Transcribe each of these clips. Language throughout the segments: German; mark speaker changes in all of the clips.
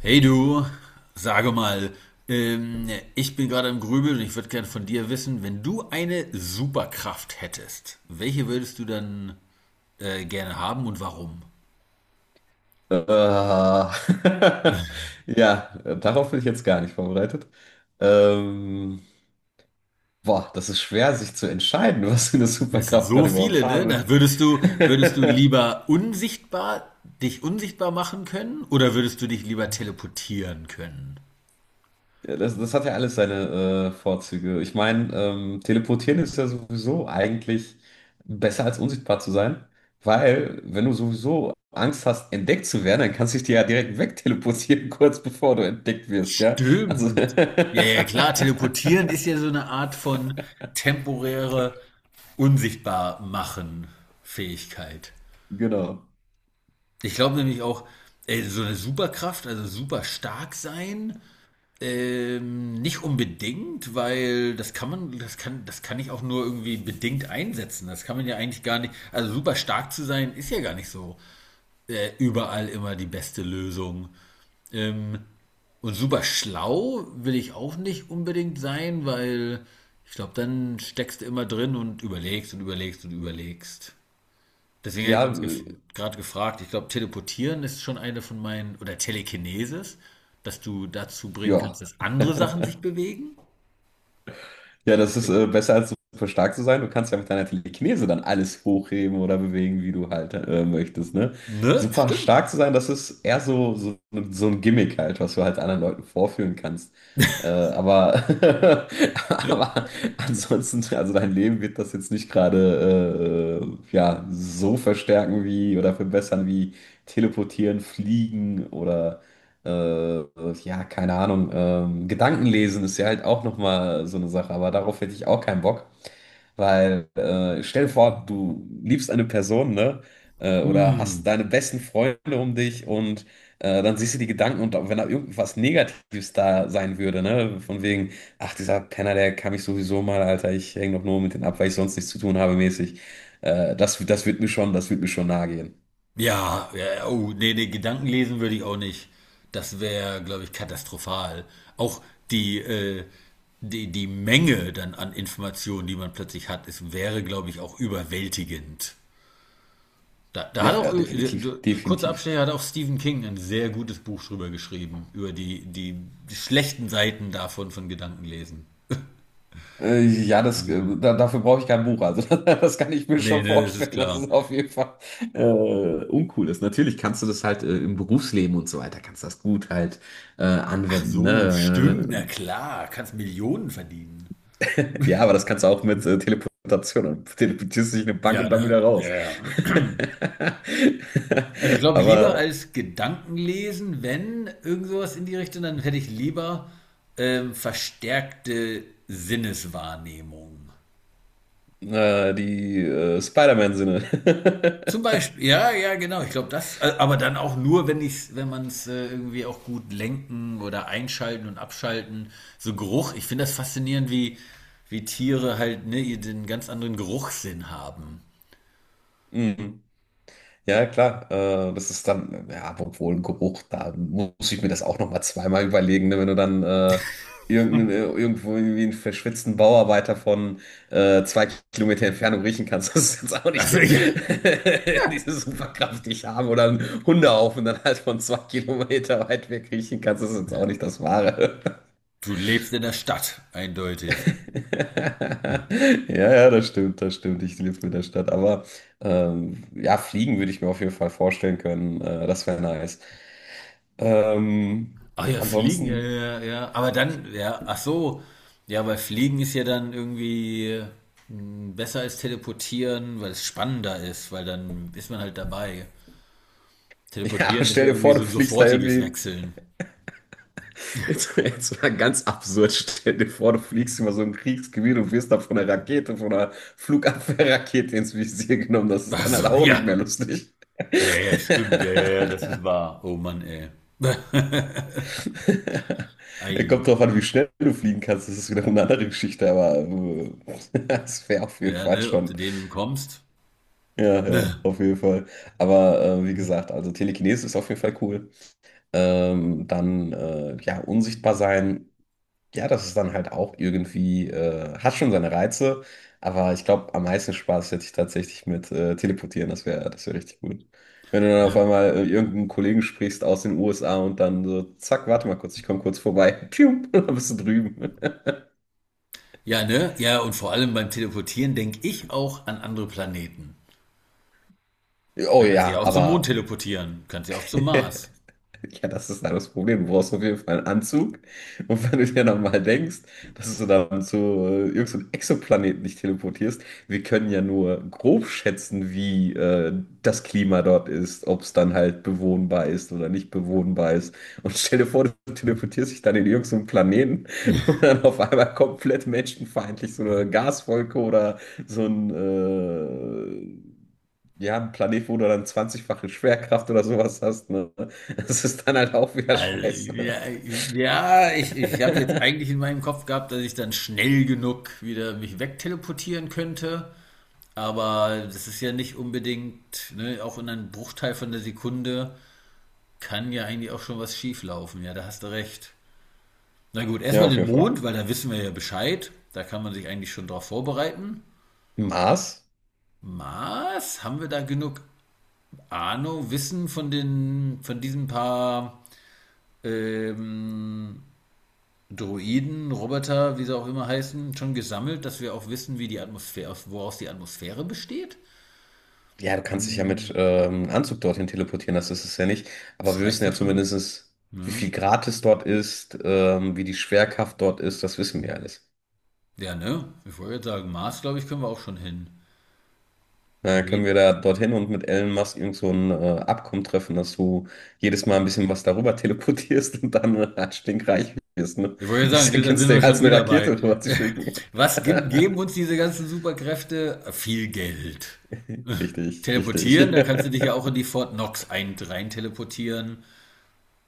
Speaker 1: Hey du, sage mal, ähm, ich bin gerade im Grübeln und ich würde gerne von dir wissen, wenn du eine Superkraft hättest, welche würdest du dann gerne haben und warum?
Speaker 2: Äh, ja, darauf bin ich jetzt gar nicht vorbereitet. Ähm, Boah, das ist schwer, sich zu entscheiden, was für eine
Speaker 1: Das sind
Speaker 2: Superkraft man
Speaker 1: so
Speaker 2: überhaupt
Speaker 1: viele, ne?
Speaker 2: habe.
Speaker 1: Na, würdest du lieber unsichtbar, dich unsichtbar machen können oder würdest du dich lieber teleportieren können?
Speaker 2: Ja, das hat ja alles seine Vorzüge. Ich meine, teleportieren ist ja sowieso eigentlich besser als unsichtbar zu sein, weil wenn du sowieso Angst hast, entdeckt zu werden, dann kannst du dich dir ja direkt wegteleportieren, kurz bevor du entdeckt wirst, ja? Also,
Speaker 1: Stimmt. Ja, ja, klar, teleportieren ist ja so eine Art von temporäre Unsichtbar machen Fähigkeit.
Speaker 2: genau.
Speaker 1: Ich glaube nämlich auch, ey, so eine Superkraft, also super stark sein, nicht unbedingt, weil das kann man, das kann ich auch nur irgendwie bedingt einsetzen. Das kann man ja eigentlich gar nicht. Also super stark zu sein, ist ja gar nicht so überall immer die beste Lösung. Ähm, und super schlau will ich auch nicht unbedingt sein, weil ich glaube, dann steckst du immer drin und überlegst und überlegst und überlegst. Deswegen hätte ich
Speaker 2: Ja,
Speaker 1: uns gef gerade gefragt, ich glaube, teleportieren ist schon eine von meinen, oder Telekinesis, dass du dazu bringen kannst,
Speaker 2: Ja.
Speaker 1: dass andere Sachen sich bewegen.
Speaker 2: Ja, das
Speaker 1: Das
Speaker 2: ist
Speaker 1: Ding.
Speaker 2: besser als super stark zu sein. Du kannst ja mit deiner Telekinese dann alles hochheben oder bewegen, wie du halt möchtest, ne?
Speaker 1: Ne?
Speaker 2: Super
Speaker 1: Stimmt.
Speaker 2: stark zu sein, das ist eher so ein Gimmick halt, was du halt anderen Leuten vorführen kannst. Äh, aber, aber ansonsten, also dein Leben wird das jetzt nicht gerade ja, so verstärken wie oder verbessern wie teleportieren, fliegen oder äh, ja, keine Ahnung. Gedanken lesen ist ja halt auch nochmal so eine Sache, aber darauf hätte ich auch keinen Bock, weil stell dir vor, du liebst eine Person, ne? Oder
Speaker 1: Hm.
Speaker 2: hast deine besten Freunde um dich und dann siehst du die Gedanken, und wenn da irgendwas Negatives da sein würde, ne? Von wegen, ach, dieser Penner, der kann mich sowieso mal, Alter, ich hänge doch nur mit denen ab, weil ich sonst nichts zu tun habe, mäßig. Das wird mir schon, das wird mir schon nahe gehen.
Speaker 1: Ja, ja, oh, nee, nee, Gedanken lesen würde ich auch nicht. Das wäre, glaube ich, katastrophal. Auch die, äh, die Menge dann an Informationen, die man plötzlich hat, es wäre, glaube ich, auch überwältigend. Da hat
Speaker 2: Ja,
Speaker 1: auch,
Speaker 2: ja, definitiv,
Speaker 1: kurzer
Speaker 2: definitiv.
Speaker 1: Abstecher, hat auch Stephen King ein sehr gutes Buch drüber geschrieben, über die schlechten Seiten davon von Gedankenlesen.
Speaker 2: Ja,
Speaker 1: Hm.
Speaker 2: dafür brauche ich kein Buch. Also das kann ich mir
Speaker 1: Nee,
Speaker 2: schon
Speaker 1: ne, das ist
Speaker 2: vorstellen, dass
Speaker 1: klar.
Speaker 2: es auf jeden Fall äh, uncool ist. Natürlich kannst du das halt im Berufsleben und so weiter, kannst du das gut halt
Speaker 1: Ach
Speaker 2: anwenden.
Speaker 1: so, stimmt,
Speaker 2: Ne?
Speaker 1: na klar, kannst Millionen verdienen.
Speaker 2: Ja, aber das kannst du auch mit Teleportation. Dann teleportierst du dich in eine Bank
Speaker 1: Ja,
Speaker 2: und dann
Speaker 1: ne?
Speaker 2: wieder
Speaker 1: Ja,
Speaker 2: raus.
Speaker 1: ja. Also ich glaube, lieber
Speaker 2: Aber
Speaker 1: als Gedankenlesen, wenn irgend sowas in die Richtung, dann hätte ich lieber verstärkte Sinneswahrnehmung.
Speaker 2: die Spider-Man-Sinne.
Speaker 1: Zum Beispiel, ja, ja, genau. Ich glaube, aber dann auch nur, wenn man es irgendwie auch gut lenken oder einschalten und abschalten. So Geruch, ich finde das faszinierend, wie Tiere halt ne, ihr den ganz anderen Geruchssinn haben.
Speaker 2: Mhm. Ja, klar, das ist dann, ja, obwohl, ein Geruch, da muss ich mir das auch nochmal zweimal überlegen, ne, wenn du dann irgendwo irgendwie einen verschwitzten Bauarbeiter von 2 Kilometer Entfernung riechen kannst. Das ist jetzt auch nicht
Speaker 1: Also
Speaker 2: die,
Speaker 1: ja,
Speaker 2: diese Superkraft, die ich habe, oder einen Hundehaufen dann halt von 2 Kilometer weit weg riechen kannst. Das ist jetzt auch nicht das Wahre.
Speaker 1: du lebst in der Stadt, eindeutig.
Speaker 2: Ja, ja, das stimmt, das stimmt. Ich lebe in der Stadt. Aber ja, fliegen würde ich mir auf jeden Fall vorstellen können. Das wäre nice. Ähm,
Speaker 1: Ach ja, Fliegen, ja, ja,
Speaker 2: Ansonsten,
Speaker 1: ja. ja. Aber dann, ja, ach so, ja, weil Fliegen ist ja dann irgendwie besser als Teleportieren, weil es spannender ist, weil dann ist man halt dabei.
Speaker 2: ja,
Speaker 1: Teleportieren ist
Speaker 2: stell
Speaker 1: ja
Speaker 2: dir
Speaker 1: irgendwie
Speaker 2: vor,
Speaker 1: so
Speaker 2: du
Speaker 1: ein
Speaker 2: fliegst da
Speaker 1: sofortiges
Speaker 2: irgendwie.
Speaker 1: Wechseln.
Speaker 2: Jetzt mal ganz absurd. Stell dir vor, du fliegst über so ein Kriegsgebiet und wirst da von einer Rakete, von einer Flugabwehrrakete ins Visier genommen. Das ist
Speaker 1: Ach
Speaker 2: dann halt
Speaker 1: so,
Speaker 2: auch nicht
Speaker 1: ja.
Speaker 2: mehr lustig.
Speaker 1: Ja, ja, stimmt. Ja, ja, ja, das ist wahr. Oh Mann, ey. Ei.
Speaker 2: Kommt drauf an, wie schnell du fliegen kannst. Das ist wieder eine andere Geschichte, aber das wäre auf jeden
Speaker 1: Ja,
Speaker 2: Fall
Speaker 1: ne, ob du
Speaker 2: schon.
Speaker 1: dem entkommst.
Speaker 2: Ja,
Speaker 1: Ne.
Speaker 2: ja, auf jeden Fall. Aber wie gesagt, also Telekinese ist auf jeden Fall cool. Dann, ja, unsichtbar sein. Ja, das ist dann halt auch irgendwie, hat schon seine Reize, aber ich glaube, am meisten Spaß hätte ich tatsächlich mit Teleportieren, das wäre richtig gut. Wenn du dann auf
Speaker 1: Ne.
Speaker 2: einmal irgendeinen Kollegen sprichst aus den USA und dann so, zack, warte mal kurz, ich komme kurz vorbei, pium, dann bist du drüben.
Speaker 1: Ja, ne? Ja, und vor allem beim Teleportieren denke ich auch an andere Planeten.
Speaker 2: Oh
Speaker 1: Da kannst du ja
Speaker 2: ja,
Speaker 1: auch zum Mond
Speaker 2: aber.
Speaker 1: teleportieren. Kannst ja auch zum Mars.
Speaker 2: Ja, das ist halt das Problem. Du brauchst auf jeden Fall einen Anzug. Und wenn du dir dann mal denkst, dass du dann zu irgendeinem Exoplaneten dich teleportierst, wir können ja nur grob schätzen, wie das Klima dort ist, ob es dann halt bewohnbar ist oder nicht bewohnbar ist. Und stell dir vor, du teleportierst dich dann in irgendeinen Planeten, wo dann auf einmal komplett menschenfeindlich so eine Gaswolke oder so ein ja, ein Planet, wo du dann 20-fache Schwerkraft oder sowas hast, ne? Das ist dann halt auch wieder
Speaker 1: Also,
Speaker 2: scheiße.
Speaker 1: ich habe jetzt eigentlich in meinem Kopf gehabt, dass ich dann schnell genug wieder mich wegteleportieren könnte. Aber das ist ja nicht unbedingt, ne, auch in einem Bruchteil von der Sekunde kann ja eigentlich auch schon was schief laufen. Ja, da hast du recht. Na gut,
Speaker 2: Ja,
Speaker 1: erstmal
Speaker 2: auf
Speaker 1: den
Speaker 2: jeden Fall.
Speaker 1: Mond, weil da wissen wir ja Bescheid. Da kann man sich eigentlich schon drauf vorbereiten.
Speaker 2: Mars?
Speaker 1: Mars, haben wir da genug Ahnung, Wissen von von diesen paar ähm, Droiden, Roboter, wie sie auch immer heißen, schon gesammelt, dass wir auch wissen, wie die Atmosphäre, woraus die Atmosphäre besteht?
Speaker 2: Ja, du kannst dich ja
Speaker 1: Hm,
Speaker 2: mit Anzug dorthin teleportieren, das ist es ja nicht. Aber
Speaker 1: das
Speaker 2: wir wissen
Speaker 1: reicht
Speaker 2: ja
Speaker 1: ja schon.
Speaker 2: zumindest, wie viel
Speaker 1: Ne?
Speaker 2: Grad es dort ist, wie die Schwerkraft dort ist, das wissen wir alles.
Speaker 1: Ja, ne? Ich wollte jetzt sagen, Mars, glaube ich, können wir auch schon hin.
Speaker 2: Dann können
Speaker 1: Wen?
Speaker 2: wir da dorthin und mit Elon Musk irgend so ein Abkommen treffen, dass du jedes Mal ein bisschen was darüber teleportierst und dann stinkreich wirst. Ne?
Speaker 1: Ich wollte jetzt sagen,
Speaker 2: Ist ja
Speaker 1: ne, da sind wir
Speaker 2: günstiger,
Speaker 1: schon
Speaker 2: als eine
Speaker 1: wieder
Speaker 2: Rakete
Speaker 1: bei.
Speaker 2: rüber zu schicken.
Speaker 1: Was gibt, geben uns diese ganzen Superkräfte? Viel Geld.
Speaker 2: Richtig, richtig.
Speaker 1: Teleportieren, da kannst du dich ja auch in die Fort Knox rein teleportieren,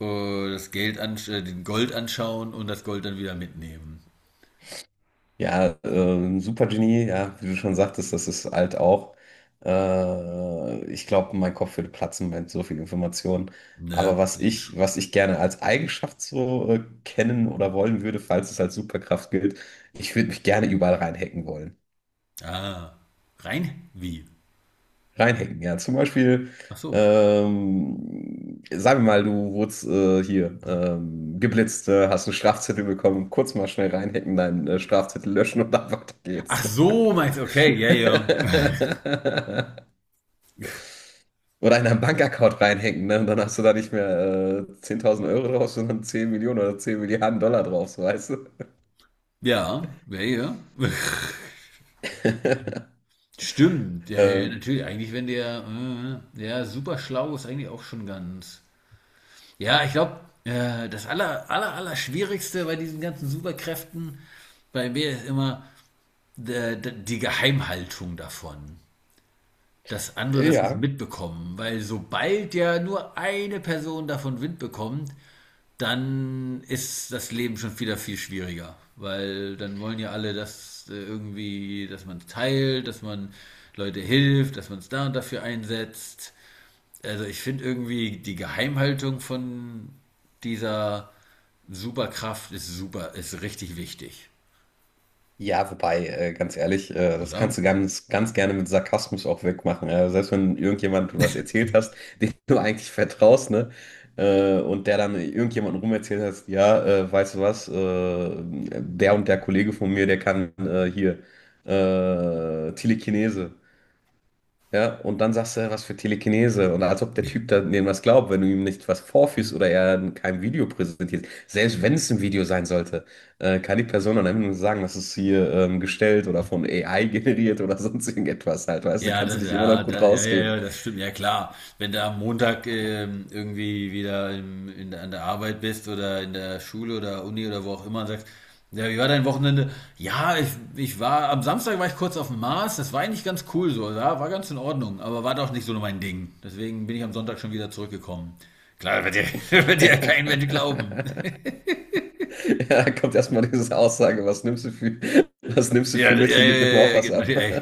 Speaker 1: den Gold anschauen und das Gold dann wieder mitnehmen.
Speaker 2: Ja, Supergenie, ja, wie du schon sagtest, das ist alt auch. Ich glaube, mein Kopf würde platzen mit so viel Information. Aber
Speaker 1: Ne?
Speaker 2: was
Speaker 1: Das ist
Speaker 2: ich,
Speaker 1: schon.
Speaker 2: was ich gerne als Eigenschaft so kennen oder wollen würde, falls es als Superkraft gilt, ich würde mich gerne überall reinhacken wollen.
Speaker 1: Ah. Rein? Wie?
Speaker 2: Reinhacken, ja. Zum Beispiel,
Speaker 1: Ach so.
Speaker 2: sagen wir mal, du wurdest hier geblitzt, hast einen Strafzettel bekommen, kurz mal schnell reinhacken, deinen Strafzettel löschen und dann weiter
Speaker 1: Ach
Speaker 2: geht's.
Speaker 1: so, meinst du, okay, ja, ja.
Speaker 2: Oder in einen Bankaccount reinhängen, ne? Und dann hast du da nicht mehr 10.000 Euro drauf, sondern 10 Millionen oder 10 Milliarden Dollar drauf, so, weißt du.
Speaker 1: Ja, ja, ja. Stimmt, ja, ja,
Speaker 2: Ähm,
Speaker 1: natürlich. Eigentlich, wenn der, ja, super schlau ist eigentlich auch schon ganz. Ja, ich glaube, das aller Schwierigste bei diesen ganzen Superkräften bei mir ist immer die Geheimhaltung davon. Dass andere das nicht
Speaker 2: ja.
Speaker 1: mitbekommen, weil sobald ja nur eine Person davon Wind bekommt, dann ist das Leben schon wieder viel schwieriger. Weil dann wollen ja alle, dass irgendwie, dass man es teilt, dass man Leute hilft, dass man es da und dafür einsetzt. Also ich finde irgendwie die Geheimhaltung von dieser Superkraft ist super, ist richtig wichtig,
Speaker 2: Ja, wobei, ganz ehrlich, das
Speaker 1: oder?
Speaker 2: kannst du ganz, ganz gerne mit Sarkasmus auch wegmachen. Selbst wenn irgendjemand du was erzählt hast, dem du eigentlich vertraust, ne? Und der dann irgendjemandem rumerzählt hast, ja, weißt du was, der und der Kollege von mir, der kann hier Telekinese. Ja, und dann sagst du, ja, was für Telekinese. Und als ob der
Speaker 1: Ja,
Speaker 2: Typ da denen was glaubt, wenn du ihm nicht was vorführst oder er kein Video präsentierst. Selbst wenn es ein Video sein sollte, kann die Person dann einfach nur sagen, das ist hier gestellt oder von AI generiert oder sonst irgendetwas halt. Weißt du, kannst du dich immer noch gut
Speaker 1: Ja, ja,
Speaker 2: rausreden.
Speaker 1: ja, das stimmt, ja klar. Wenn du am Montag irgendwie an der Arbeit bist oder in der Schule oder Uni oder wo auch immer und sagst, ja, wie war dein Wochenende? Ja, ich, ich war, am Samstag war ich kurz auf dem Mars, das war eigentlich ganz cool so, ja, war ganz in Ordnung, aber war doch nicht so mein Ding. Deswegen bin ich am Sonntag schon wieder zurückgekommen. Klar, wird dir ja kein Mensch glauben.
Speaker 2: Ja, da kommt erstmal diese Aussage, was nimmst du für, was nimmst du
Speaker 1: Ja,
Speaker 2: für
Speaker 1: ja, ja,
Speaker 2: Mittel, gib mir mal
Speaker 1: ja,
Speaker 2: auch
Speaker 1: ja,
Speaker 2: was
Speaker 1: genau,
Speaker 2: ab.
Speaker 1: ja.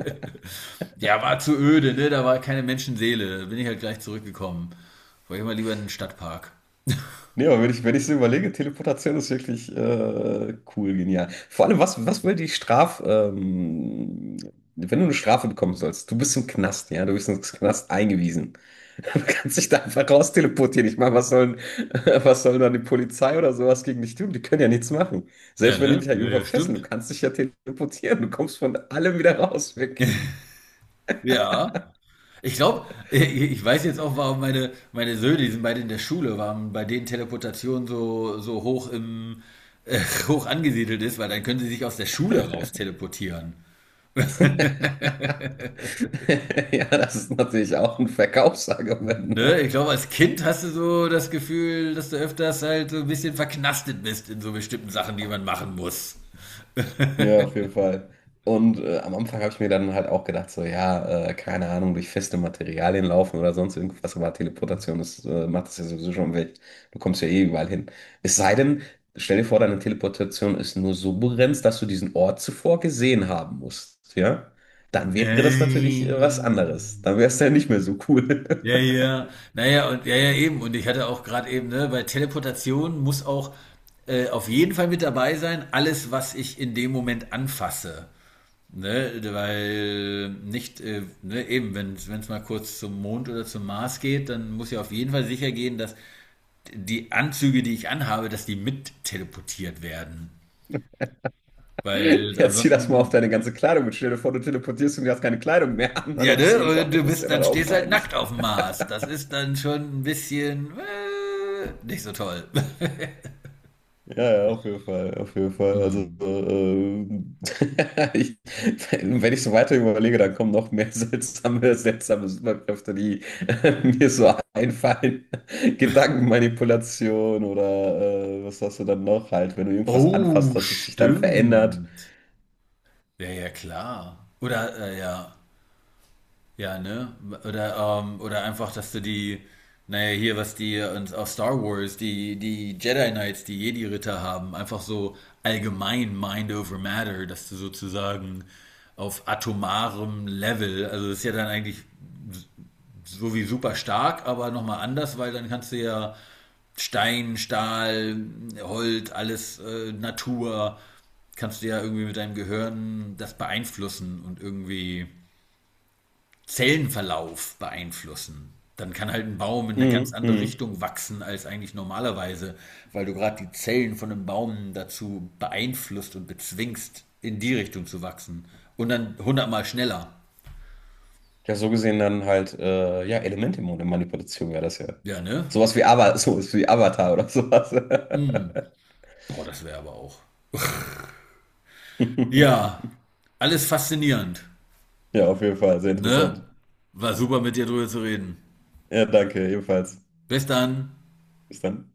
Speaker 1: Ja, war zu öde, ne? Da war keine Menschenseele. Da bin ich halt gleich zurückgekommen. Wollte ich mal lieber in den Stadtpark.
Speaker 2: Nee, aber wenn ich so überlege, Teleportation ist wirklich cool, genial. Vor allem, was will die wenn du eine Strafe bekommen sollst, du bist im Knast, ja, du bist ins Knast eingewiesen. Du kannst dich da einfach raus teleportieren. Ich meine, was sollen dann die Polizei oder sowas gegen dich tun? Die können ja nichts machen.
Speaker 1: Ja,
Speaker 2: Selbst wenn die dich
Speaker 1: ne?
Speaker 2: halt
Speaker 1: Ja,
Speaker 2: irgendwo
Speaker 1: ja,
Speaker 2: fesseln, du
Speaker 1: stimmt.
Speaker 2: kannst dich ja teleportieren. Du kommst von allem wieder raus, weg.
Speaker 1: Ja. Ich glaube, ich weiß jetzt auch, warum meine Söhne, die sind beide in der Schule, warum bei denen Teleportation so hoch im äh, hoch angesiedelt ist, weil dann können sie sich aus der Schule raus teleportieren.
Speaker 2: Ja, das ist natürlich auch ein Verkaufsargument,
Speaker 1: Ne,
Speaker 2: ne?
Speaker 1: ich glaube, als Kind hast du so das Gefühl, dass du öfters halt so ein bisschen verknastet bist in so bestimmten Sachen, die man machen muss.
Speaker 2: Ja, auf jeden Fall. Und am Anfang habe ich mir dann halt auch gedacht, so, ja, keine Ahnung, durch feste Materialien laufen oder sonst irgendwas, aber Teleportation ist, macht das ja sowieso schon weg. Du kommst ja eh überall hin. Es sei denn, stell dir vor, deine Teleportation ist nur so begrenzt, dass du diesen Ort zuvor gesehen haben musst, ja? Dann wäre das natürlich was anderes.
Speaker 1: Nein.
Speaker 2: Dann wäre es ja nicht mehr so cool.
Speaker 1: Ja, ja. Naja, und ja, ja, eben. Und ich hatte auch gerade eben, ne, bei Teleportation muss auch auf jeden Fall mit dabei sein, alles, was ich in dem Moment anfasse. Ne, weil nicht, ne, eben, wenn es mal kurz zum Mond oder zum Mars geht, dann muss ja auf jeden Fall sicher gehen, dass die Anzüge, die ich anhabe, dass die mit teleportiert werden. Weil
Speaker 2: Jetzt zieh das mal auf
Speaker 1: ansonsten.
Speaker 2: deine ganze Kleidung und stell dir vor, du teleportierst und du hast keine Kleidung mehr an
Speaker 1: Ja,
Speaker 2: dem
Speaker 1: ne? Und
Speaker 2: Zielort.
Speaker 1: du
Speaker 2: Das ist ja
Speaker 1: bist, dann
Speaker 2: dann auch
Speaker 1: stehst halt
Speaker 2: peinlich.
Speaker 1: nackt auf dem Mars. Das ist dann schon ein bisschen nicht so toll.
Speaker 2: Ja, ja, auf jeden Fall, auf jeden Fall. Also,
Speaker 1: Hm.
Speaker 2: ich, wenn ich so weiter überlege, dann kommen noch mehr seltsame, seltsame Superkräfte, die mir so einfallen. Gedankenmanipulation oder was hast du dann noch halt, wenn du irgendwas
Speaker 1: Oh,
Speaker 2: anfasst, dass es sich dann verändert.
Speaker 1: stimmt. Ja, ja, klar. Oder, ja, ja, ne? Oder einfach, dass du die, naja, hier, was die uns auf Star Wars, die Jedi Knights, die Jedi-Ritter haben, einfach so allgemein Mind over Matter, dass du sozusagen auf atomarem Level, also das ist ja dann eigentlich so wie super stark, aber nochmal anders, weil dann kannst du ja Stein, Stahl, Holz, alles Natur, kannst du ja irgendwie mit deinem Gehirn das beeinflussen und irgendwie Zellenverlauf beeinflussen. Dann kann halt ein Baum in eine ganz
Speaker 2: Mhm,
Speaker 1: andere
Speaker 2: mhm.
Speaker 1: Richtung wachsen als eigentlich normalerweise, weil du gerade die Zellen von einem Baum dazu beeinflusst und bezwingst, in die Richtung zu wachsen. Und dann hundertmal schneller.
Speaker 2: Ja, so gesehen dann halt, ja, Elementemanipulation wäre das ja.
Speaker 1: Ja, ne?
Speaker 2: Sowas wie Avatar oder sowas.
Speaker 1: Mm. Boah, das wäre aber auch. Ja, alles faszinierend.
Speaker 2: Ja, auf jeden Fall, sehr
Speaker 1: Ne?
Speaker 2: interessant.
Speaker 1: War super mit dir drüber zu reden.
Speaker 2: Ja, danke, ebenfalls.
Speaker 1: Bis dann.
Speaker 2: Bis dann.